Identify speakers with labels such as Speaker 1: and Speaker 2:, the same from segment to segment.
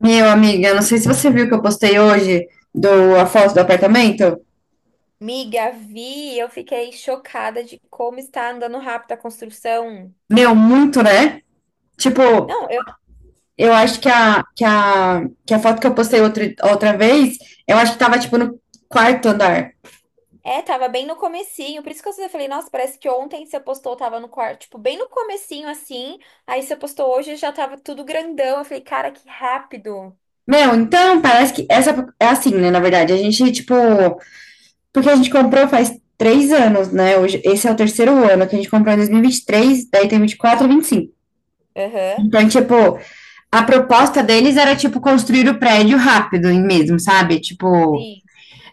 Speaker 1: Meu, amiga, não sei se você viu que eu postei hoje a foto do apartamento.
Speaker 2: Miga, vi, eu fiquei chocada de como está andando rápido a construção.
Speaker 1: Meu, muito, né? Tipo,
Speaker 2: Não, eu
Speaker 1: eu acho que a foto que eu postei outra vez, eu acho que tava, tipo, no quarto andar.
Speaker 2: tava bem no comecinho, por isso que eu falei, nossa, parece que ontem você postou, tava no quarto, tipo, bem no comecinho assim, aí você postou hoje já tava tudo grandão. Eu falei, cara, que rápido.
Speaker 1: Meu, então, parece que essa é assim, né? Na verdade, a gente, tipo, porque a gente comprou faz três anos, né? Hoje, esse é o terceiro ano que a gente comprou em dois mil e vinte e três, daí tem vinte e quatro, vinte e cinco.
Speaker 2: Aham.
Speaker 1: Então, tipo, a proposta deles era, tipo, construir o prédio rápido mesmo, sabe? Tipo,
Speaker 2: Sim.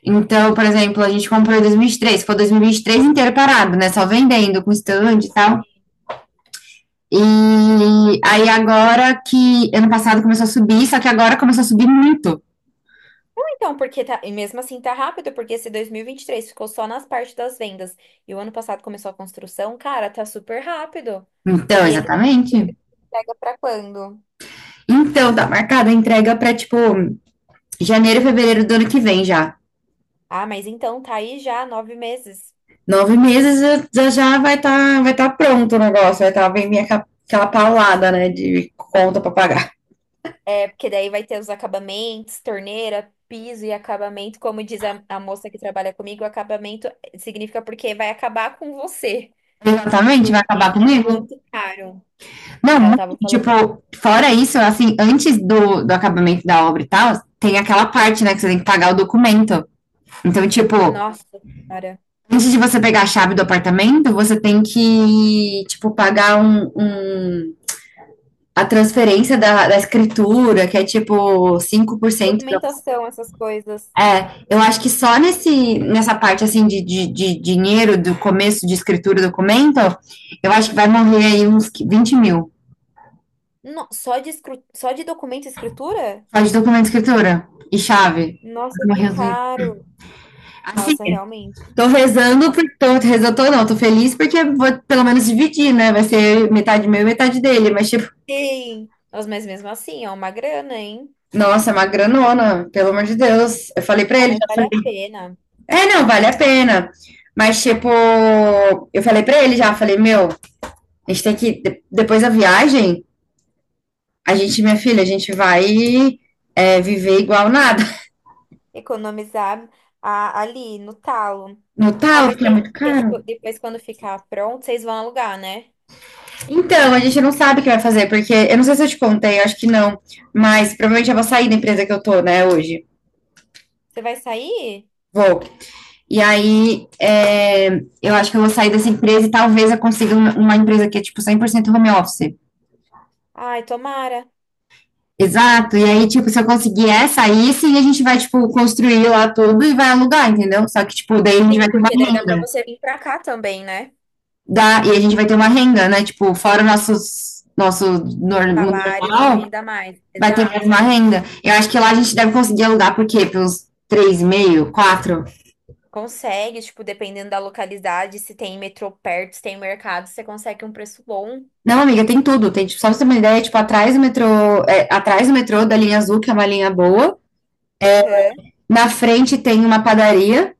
Speaker 1: então, por exemplo, a gente comprou em 2023, foi 2023 inteiro parado, né? Só vendendo com stand e tal.
Speaker 2: Sim.
Speaker 1: E aí agora que ano passado começou a subir, só que agora começou a subir muito.
Speaker 2: Então, porque tá, e mesmo assim tá rápido, porque esse 2023 ficou só nas partes das vendas e o ano passado começou a construção, cara, tá super rápido.
Speaker 1: Então,
Speaker 2: E ele
Speaker 1: exatamente.
Speaker 2: pega pra quando?
Speaker 1: Então, tá marcada a entrega para tipo janeiro, fevereiro do ano que vem já.
Speaker 2: Ah, mas então tá aí já 9 meses.
Speaker 1: Nove meses já, vai tá pronto o negócio, vem minha, aquela paulada, né, de conta para pagar.
Speaker 2: É, porque daí vai ter os acabamentos, torneira, piso e acabamento. Como diz a moça que trabalha comigo, acabamento significa porque vai acabar com você.
Speaker 1: Exatamente, vai
Speaker 2: Porque
Speaker 1: acabar
Speaker 2: é
Speaker 1: comigo.
Speaker 2: muito caro. Ela
Speaker 1: Não,
Speaker 2: tava falando.
Speaker 1: tipo, fora isso, assim, antes do acabamento da obra e tal, tem aquela parte, né, que você tem que pagar o documento. Então, tipo,
Speaker 2: Nossa, cara.
Speaker 1: antes de você pegar a chave do apartamento, você tem que, tipo, pagar a transferência da escritura, que é tipo 5% da...
Speaker 2: Documentação, essas coisas.
Speaker 1: É, eu acho que só nessa parte, assim, de dinheiro, do começo de escritura e documento, eu acho que vai morrer aí uns 20 mil.
Speaker 2: Só de documento e escritura?
Speaker 1: Só de documento e escritura e chave,
Speaker 2: Nossa, que
Speaker 1: uns...
Speaker 2: caro.
Speaker 1: Assim,
Speaker 2: Nossa, realmente. Nossa,
Speaker 1: tô rezando, tô não, tô feliz porque vou pelo menos dividir, né? Vai ser metade meu e metade dele, mas tipo,
Speaker 2: sim. Nossa, mas mesmo assim, é uma grana, hein?
Speaker 1: nossa, é uma granona, pelo amor de Deus. Eu falei pra
Speaker 2: Ah,
Speaker 1: ele,
Speaker 2: mas
Speaker 1: já
Speaker 2: vale
Speaker 1: falei,
Speaker 2: a pena.
Speaker 1: é, não, vale a pena. Mas tipo, eu falei pra ele já, falei, meu, a gente tem depois da viagem, a gente, minha filha, a gente vai é, viver igual nada.
Speaker 2: Economizar ali no talo.
Speaker 1: No tal,
Speaker 2: Ah, mas
Speaker 1: porque é
Speaker 2: pensa,
Speaker 1: muito
Speaker 2: porque
Speaker 1: caro.
Speaker 2: tipo, depois quando ficar pronto, vocês vão alugar, né?
Speaker 1: Então, a gente não sabe o que vai fazer, porque eu não sei se eu te contei, eu acho que não, mas provavelmente eu vou sair da empresa que eu tô, né, hoje.
Speaker 2: Você vai sair?
Speaker 1: Vou. E aí,
Speaker 2: Tomara.
Speaker 1: é, eu acho que eu vou sair dessa empresa e talvez eu consiga uma empresa que é, tipo, 100% home office.
Speaker 2: Ai, tomara.
Speaker 1: Exato. E aí, tipo, se eu conseguir essa, aí sim a gente vai, tipo, construir lá tudo e vai alugar, entendeu? Só que, tipo, daí a gente vai
Speaker 2: Sim,
Speaker 1: ter uma
Speaker 2: porque daí dá pra
Speaker 1: renda
Speaker 2: você vir pra cá também, né?
Speaker 1: e a gente vai ter uma renda, né? Tipo, fora o nosso
Speaker 2: Os salários, uma
Speaker 1: normal,
Speaker 2: renda a mais.
Speaker 1: vai ter mais
Speaker 2: Exato.
Speaker 1: uma renda. Eu acho que lá a gente deve conseguir alugar, por quê? Pelos três e meio, quatro...
Speaker 2: Consegue, tipo, dependendo da localidade, se tem metrô perto, se tem mercado, você consegue um preço bom.
Speaker 1: Não, amiga, tem tudo. Tem, tipo, só pra você ter uma ideia, tipo, atrás do metrô, é, atrás do metrô da linha azul, que é uma linha boa.
Speaker 2: Aham.
Speaker 1: Na frente tem uma padaria.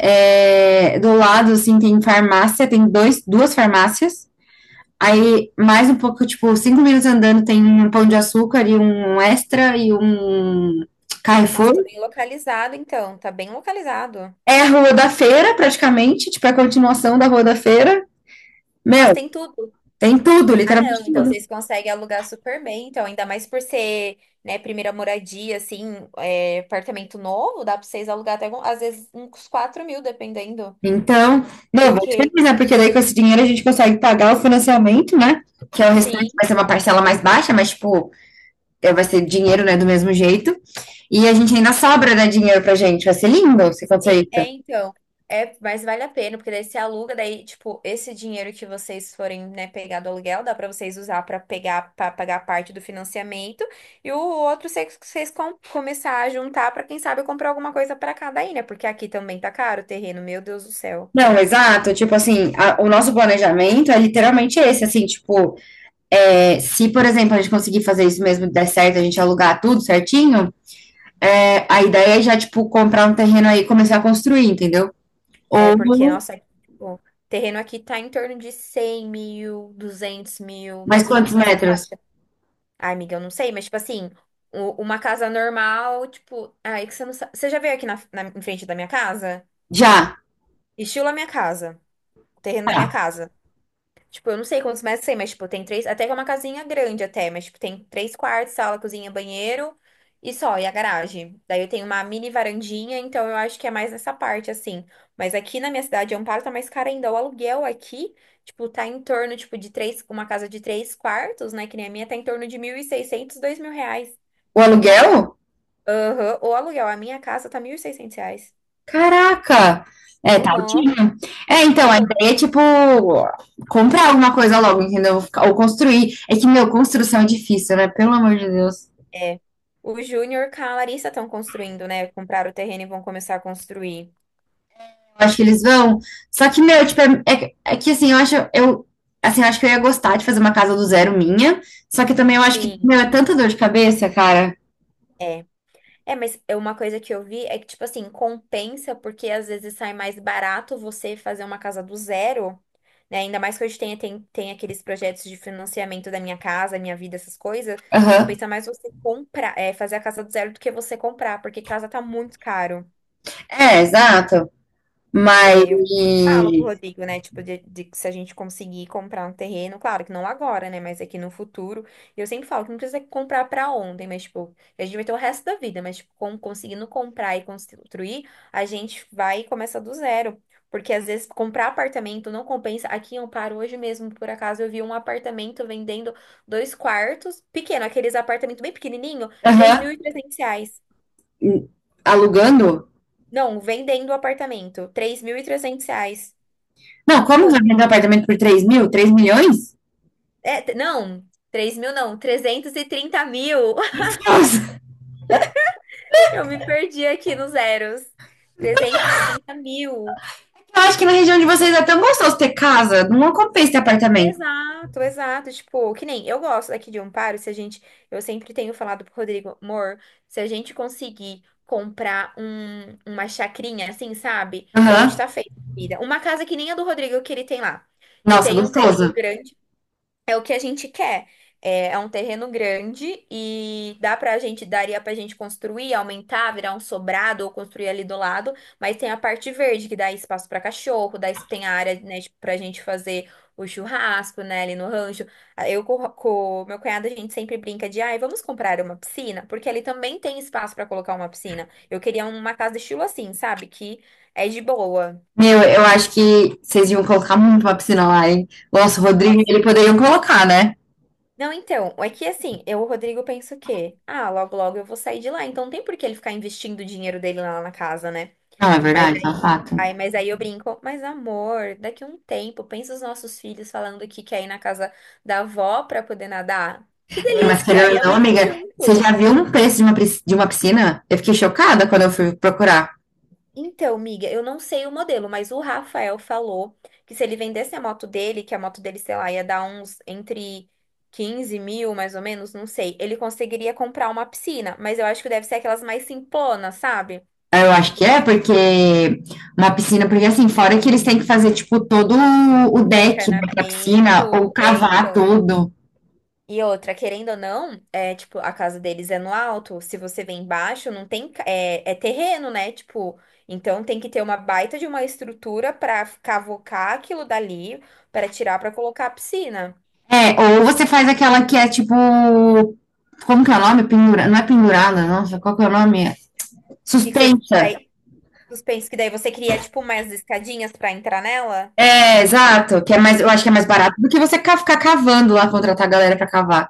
Speaker 1: É, do lado, assim, tem farmácia, tem duas farmácias. Aí, mais um pouco, tipo, cinco minutos andando, tem um Pão de Açúcar e um Extra e um
Speaker 2: Nossa,
Speaker 1: Carrefour.
Speaker 2: tá bem localizado, então. Tá bem localizado.
Speaker 1: É a Rua da Feira, praticamente, tipo, é a continuação da Rua da Feira.
Speaker 2: Nossa,
Speaker 1: Meu,
Speaker 2: tem tudo.
Speaker 1: tem tudo,
Speaker 2: Ah, não,
Speaker 1: literalmente
Speaker 2: então
Speaker 1: tudo.
Speaker 2: vocês conseguem alugar super bem, então ainda mais por ser, né, primeira moradia, assim, é, apartamento novo, dá pra vocês alugar até, às vezes, uns 4.000, dependendo,
Speaker 1: Então, meu, vou te
Speaker 2: porque,
Speaker 1: avisar, porque daí com esse dinheiro a gente consegue pagar o financiamento, né? Que é o
Speaker 2: sim,
Speaker 1: restante, vai ser uma parcela mais baixa, mas, tipo, é, vai ser dinheiro, né, do mesmo jeito. E a gente ainda sobra, né, dinheiro pra gente. Vai ser lindo se acontecer
Speaker 2: sim, é,
Speaker 1: isso.
Speaker 2: então, é, mas vale a pena, porque daí você aluga, daí, tipo, esse dinheiro que vocês forem, né, pegar do aluguel, dá pra vocês usar pra pegar, para pagar parte do financiamento, e o outro vocês, começar a juntar pra, quem sabe, comprar alguma coisa pra cada aí, né, porque aqui também tá caro o terreno, meu Deus do céu.
Speaker 1: Não, exato. Tipo assim, o nosso planejamento é literalmente esse, assim, tipo, é, se, por exemplo, a gente conseguir fazer isso mesmo, der certo, a gente alugar tudo certinho, é, a ideia é já, tipo, comprar um terreno aí e começar a construir, entendeu?
Speaker 2: É porque,
Speaker 1: Ou...
Speaker 2: nossa, o terreno aqui tá em torno de 100 mil, 200 mil,
Speaker 1: mas
Speaker 2: mais ou
Speaker 1: quantos
Speaker 2: menos nessa
Speaker 1: metros?
Speaker 2: faixa. Ai, amiga, eu não sei, mas, tipo assim, uma casa normal, tipo. Ai, que você não sabe. Você já veio aqui em frente da minha casa?
Speaker 1: Já.
Speaker 2: Estilo a minha casa, o terreno da minha
Speaker 1: Tá.
Speaker 2: casa. Tipo, eu não sei quantos mais tem, mas, tipo, tem três. Até que é uma casinha grande, até, mas, tipo, tem três quartos, sala, cozinha, banheiro e só, e a garagem. Daí eu tenho uma mini varandinha, então eu acho que é mais nessa parte, assim. Mas aqui na minha cidade, Amparo tá mais caro ainda. O aluguel aqui, tipo, tá em torno, tipo, de três. Uma casa de três quartos, né, que nem a minha, tá em torno de 1.600, R$ 2.000.
Speaker 1: O aluguel?
Speaker 2: Aham. O aluguel, a minha casa tá R$ 1.600.
Speaker 1: Caraca! É, tá
Speaker 2: Aham.
Speaker 1: altinho. É,
Speaker 2: É,
Speaker 1: então, a
Speaker 2: então,
Speaker 1: ideia é, tipo, comprar alguma coisa logo, entendeu? Ou construir. É que, meu, construção é difícil, né? Pelo amor de Deus.
Speaker 2: é. O Júnior com a Larissa estão construindo, né? Compraram o terreno e vão começar a construir.
Speaker 1: Eu acho que eles vão. Só que, meu, tipo, assim, assim, eu acho que eu ia gostar de fazer uma casa do zero minha. Só que também eu acho que,
Speaker 2: Sim,
Speaker 1: meu, é tanta dor de cabeça, cara.
Speaker 2: é. É, mas é uma coisa que eu vi é que, tipo assim, compensa porque às vezes sai mais barato você fazer uma casa do zero, né? Ainda mais que hoje tem aqueles projetos de financiamento da minha casa, minha vida, essas coisas.
Speaker 1: Aham.
Speaker 2: Compensa mais você comprar, é, fazer a casa do zero do que você comprar, porque casa tá muito caro.
Speaker 1: É, exato. Mas...
Speaker 2: É, eu falo pro Rodrigo, né? Tipo, de que se a gente conseguir comprar um terreno, claro que não agora, né? Mas aqui no futuro. E eu sempre falo que não precisa comprar pra ontem, mas, tipo, a gente vai ter o resto da vida, mas, tipo, conseguindo comprar e construir, a gente vai e começa do zero. Porque às vezes comprar apartamento não compensa. Aqui em Amparo, hoje mesmo, por acaso, eu vi um apartamento vendendo dois quartos, pequeno, aqueles apartamentos bem pequenininho, três mil
Speaker 1: Aham.
Speaker 2: e trezentos reais.
Speaker 1: Alugando?
Speaker 2: Não, vendendo o apartamento, R$ 3.300.
Speaker 1: Não, como que
Speaker 2: Tipo,
Speaker 1: vai vender um apartamento por 3 mil? 3 milhões?
Speaker 2: é, não, 3.000 não, 330.000.
Speaker 1: Delicioso.
Speaker 2: Eu me perdi aqui nos zeros. 330.000.
Speaker 1: Eu acho que na região de vocês é tão gostoso ter casa. Não compensa ter apartamento.
Speaker 2: Exato, exato. Tipo, que nem eu gosto daqui de Amparo, se a gente. Eu sempre tenho falado pro Rodrigo, amor, se a gente conseguir comprar uma chacrinha assim, sabe? A gente
Speaker 1: Aham.
Speaker 2: tá feito, vida. Uma casa que nem a do Rodrigo que ele tem lá. Que
Speaker 1: Nossa,
Speaker 2: tem um terreno
Speaker 1: gostoso.
Speaker 2: grande. É o que a gente quer. É, é um terreno grande e dá pra gente, daria pra gente construir, aumentar, virar um sobrado ou construir ali do lado, mas tem a parte verde que dá espaço para cachorro, dá, tem a área, né, pra gente fazer o churrasco, né, ali no rancho. Ah, eu com meu cunhado a gente sempre brinca de, ai, vamos comprar uma piscina, porque ali também tem espaço para colocar uma piscina. Eu queria uma casa estilo assim, sabe? Que é de boa.
Speaker 1: Meu, eu acho que vocês iam colocar muito uma piscina lá, hein? Nossa, o Rodrigo, ele poderiam colocar, né?
Speaker 2: Não, então, é que assim, eu, o Rodrigo, penso que, ah, logo, logo eu vou sair de lá, então não tem por que ele ficar investindo o dinheiro dele lá na casa, né?
Speaker 1: Não, é
Speaker 2: Mas
Speaker 1: verdade, tá
Speaker 2: aí,
Speaker 1: fato.
Speaker 2: mas aí eu brinco, mas amor, daqui a um tempo, pensa os nossos filhos falando que quer ir na casa da avó pra poder nadar. Que
Speaker 1: É, mas
Speaker 2: delícia!
Speaker 1: querendo
Speaker 2: E
Speaker 1: ou
Speaker 2: a
Speaker 1: não,
Speaker 2: mãe vai
Speaker 1: amiga, você já
Speaker 2: junto.
Speaker 1: viu um preço de uma, pris- de uma piscina? Eu fiquei chocada quando eu fui procurar.
Speaker 2: Então, miga, eu não sei o modelo, mas o Rafael falou que se ele vendesse a moto dele, que a moto dele, sei lá, ia dar uns entre 15 mil, mais ou menos, não sei, ele conseguiria comprar uma piscina, mas eu acho que deve ser aquelas mais simplonas, sabe?
Speaker 1: Eu acho que é, porque uma piscina, porque assim, fora que eles têm que fazer, tipo, todo o deck, né, pra piscina,
Speaker 2: Encanamento,
Speaker 1: ou
Speaker 2: é,
Speaker 1: cavar
Speaker 2: então.
Speaker 1: tudo.
Speaker 2: E outra, querendo ou não, é, tipo, a casa deles é no alto, se você vem embaixo, não tem, é terreno, né? Tipo, então tem que ter uma baita de uma estrutura pra cavocar aquilo dali, pra tirar, pra colocar a piscina.
Speaker 1: É, ou você faz aquela que é tipo... Como que é o nome? Pendura... Não é pendurada, nossa, qual que é o nome?
Speaker 2: Que você
Speaker 1: Suspensa.
Speaker 2: daí, suspense, que daí você cria, tipo, mais escadinhas pra entrar nela?
Speaker 1: É, exato. Que é mais, eu acho que é mais barato do que você ficar cavando lá, contratar a galera pra cavar.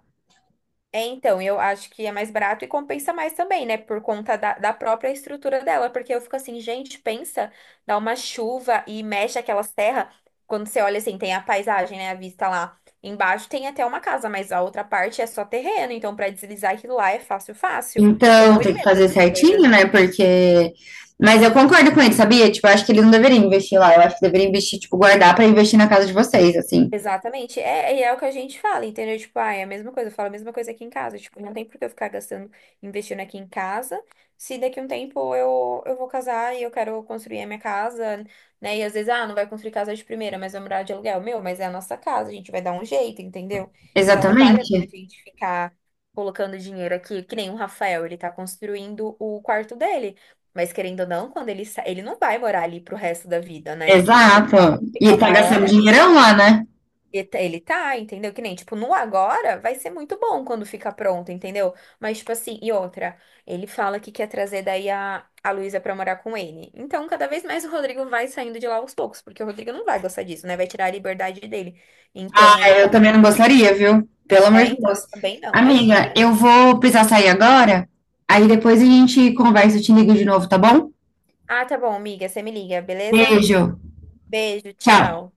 Speaker 2: É, então, eu acho que é mais barato e compensa mais também, né? Por conta da própria estrutura dela. Porque eu fico assim, gente, pensa, dá uma chuva e mexe aquelas terras. Quando você olha assim, tem a paisagem, né? A vista lá embaixo tem até uma casa, mas a outra parte é só terreno. Então, pra deslizar aquilo lá é fácil, fácil. Eu
Speaker 1: Então,
Speaker 2: morro de
Speaker 1: tem que
Speaker 2: medo
Speaker 1: fazer
Speaker 2: dessas
Speaker 1: certinho,
Speaker 2: coisas.
Speaker 1: né? Porque... Mas eu concordo com ele, sabia? Tipo, eu acho que eles não deveriam investir lá. Eu acho que deveriam investir, tipo, guardar pra investir na casa de vocês, assim.
Speaker 2: Exatamente. É, e é o que a gente fala, entendeu? Tipo, ah, é a mesma coisa, eu falo a mesma coisa aqui em casa. Tipo, não tem por que eu ficar gastando, investindo aqui em casa, se daqui a um tempo eu vou casar e eu quero construir a minha casa, né? E às vezes, ah, não vai construir casa de primeira, mas vai morar de aluguel. Meu, mas é a nossa casa, a gente vai dar um jeito, entendeu? Então não vale a pena a
Speaker 1: Exatamente.
Speaker 2: gente ficar colocando dinheiro aqui, que nem o Rafael, ele tá construindo o quarto dele. Mas querendo ou não, quando ele ele não vai morar ali pro resto da vida, né? Ele vai
Speaker 1: Exato. E
Speaker 2: chegar
Speaker 1: tá
Speaker 2: uma
Speaker 1: gastando
Speaker 2: hora, ele
Speaker 1: dinheirão lá, né?
Speaker 2: e tá- Ele tá, entendeu? Que nem, tipo, no agora vai ser muito bom quando ficar pronto, entendeu? Mas, tipo assim, e outra, ele fala que quer trazer daí a Luísa pra morar com ele. Então, cada vez mais o Rodrigo vai saindo de lá aos poucos, porque o Rodrigo não vai gostar disso, né? Vai tirar a liberdade dele.
Speaker 1: Ah,
Speaker 2: Então, ele.
Speaker 1: eu também não gostaria, viu? Pelo amor
Speaker 2: É,
Speaker 1: de
Speaker 2: então,
Speaker 1: Deus.
Speaker 2: eu também não,
Speaker 1: Amiga,
Speaker 2: imagina.
Speaker 1: eu vou precisar sair agora. Aí depois a gente conversa, eu te ligo de novo, tá bom?
Speaker 2: Ah, tá bom, amiga, você me liga, beleza?
Speaker 1: Beijo.
Speaker 2: Beijo,
Speaker 1: Tchau.
Speaker 2: tchau.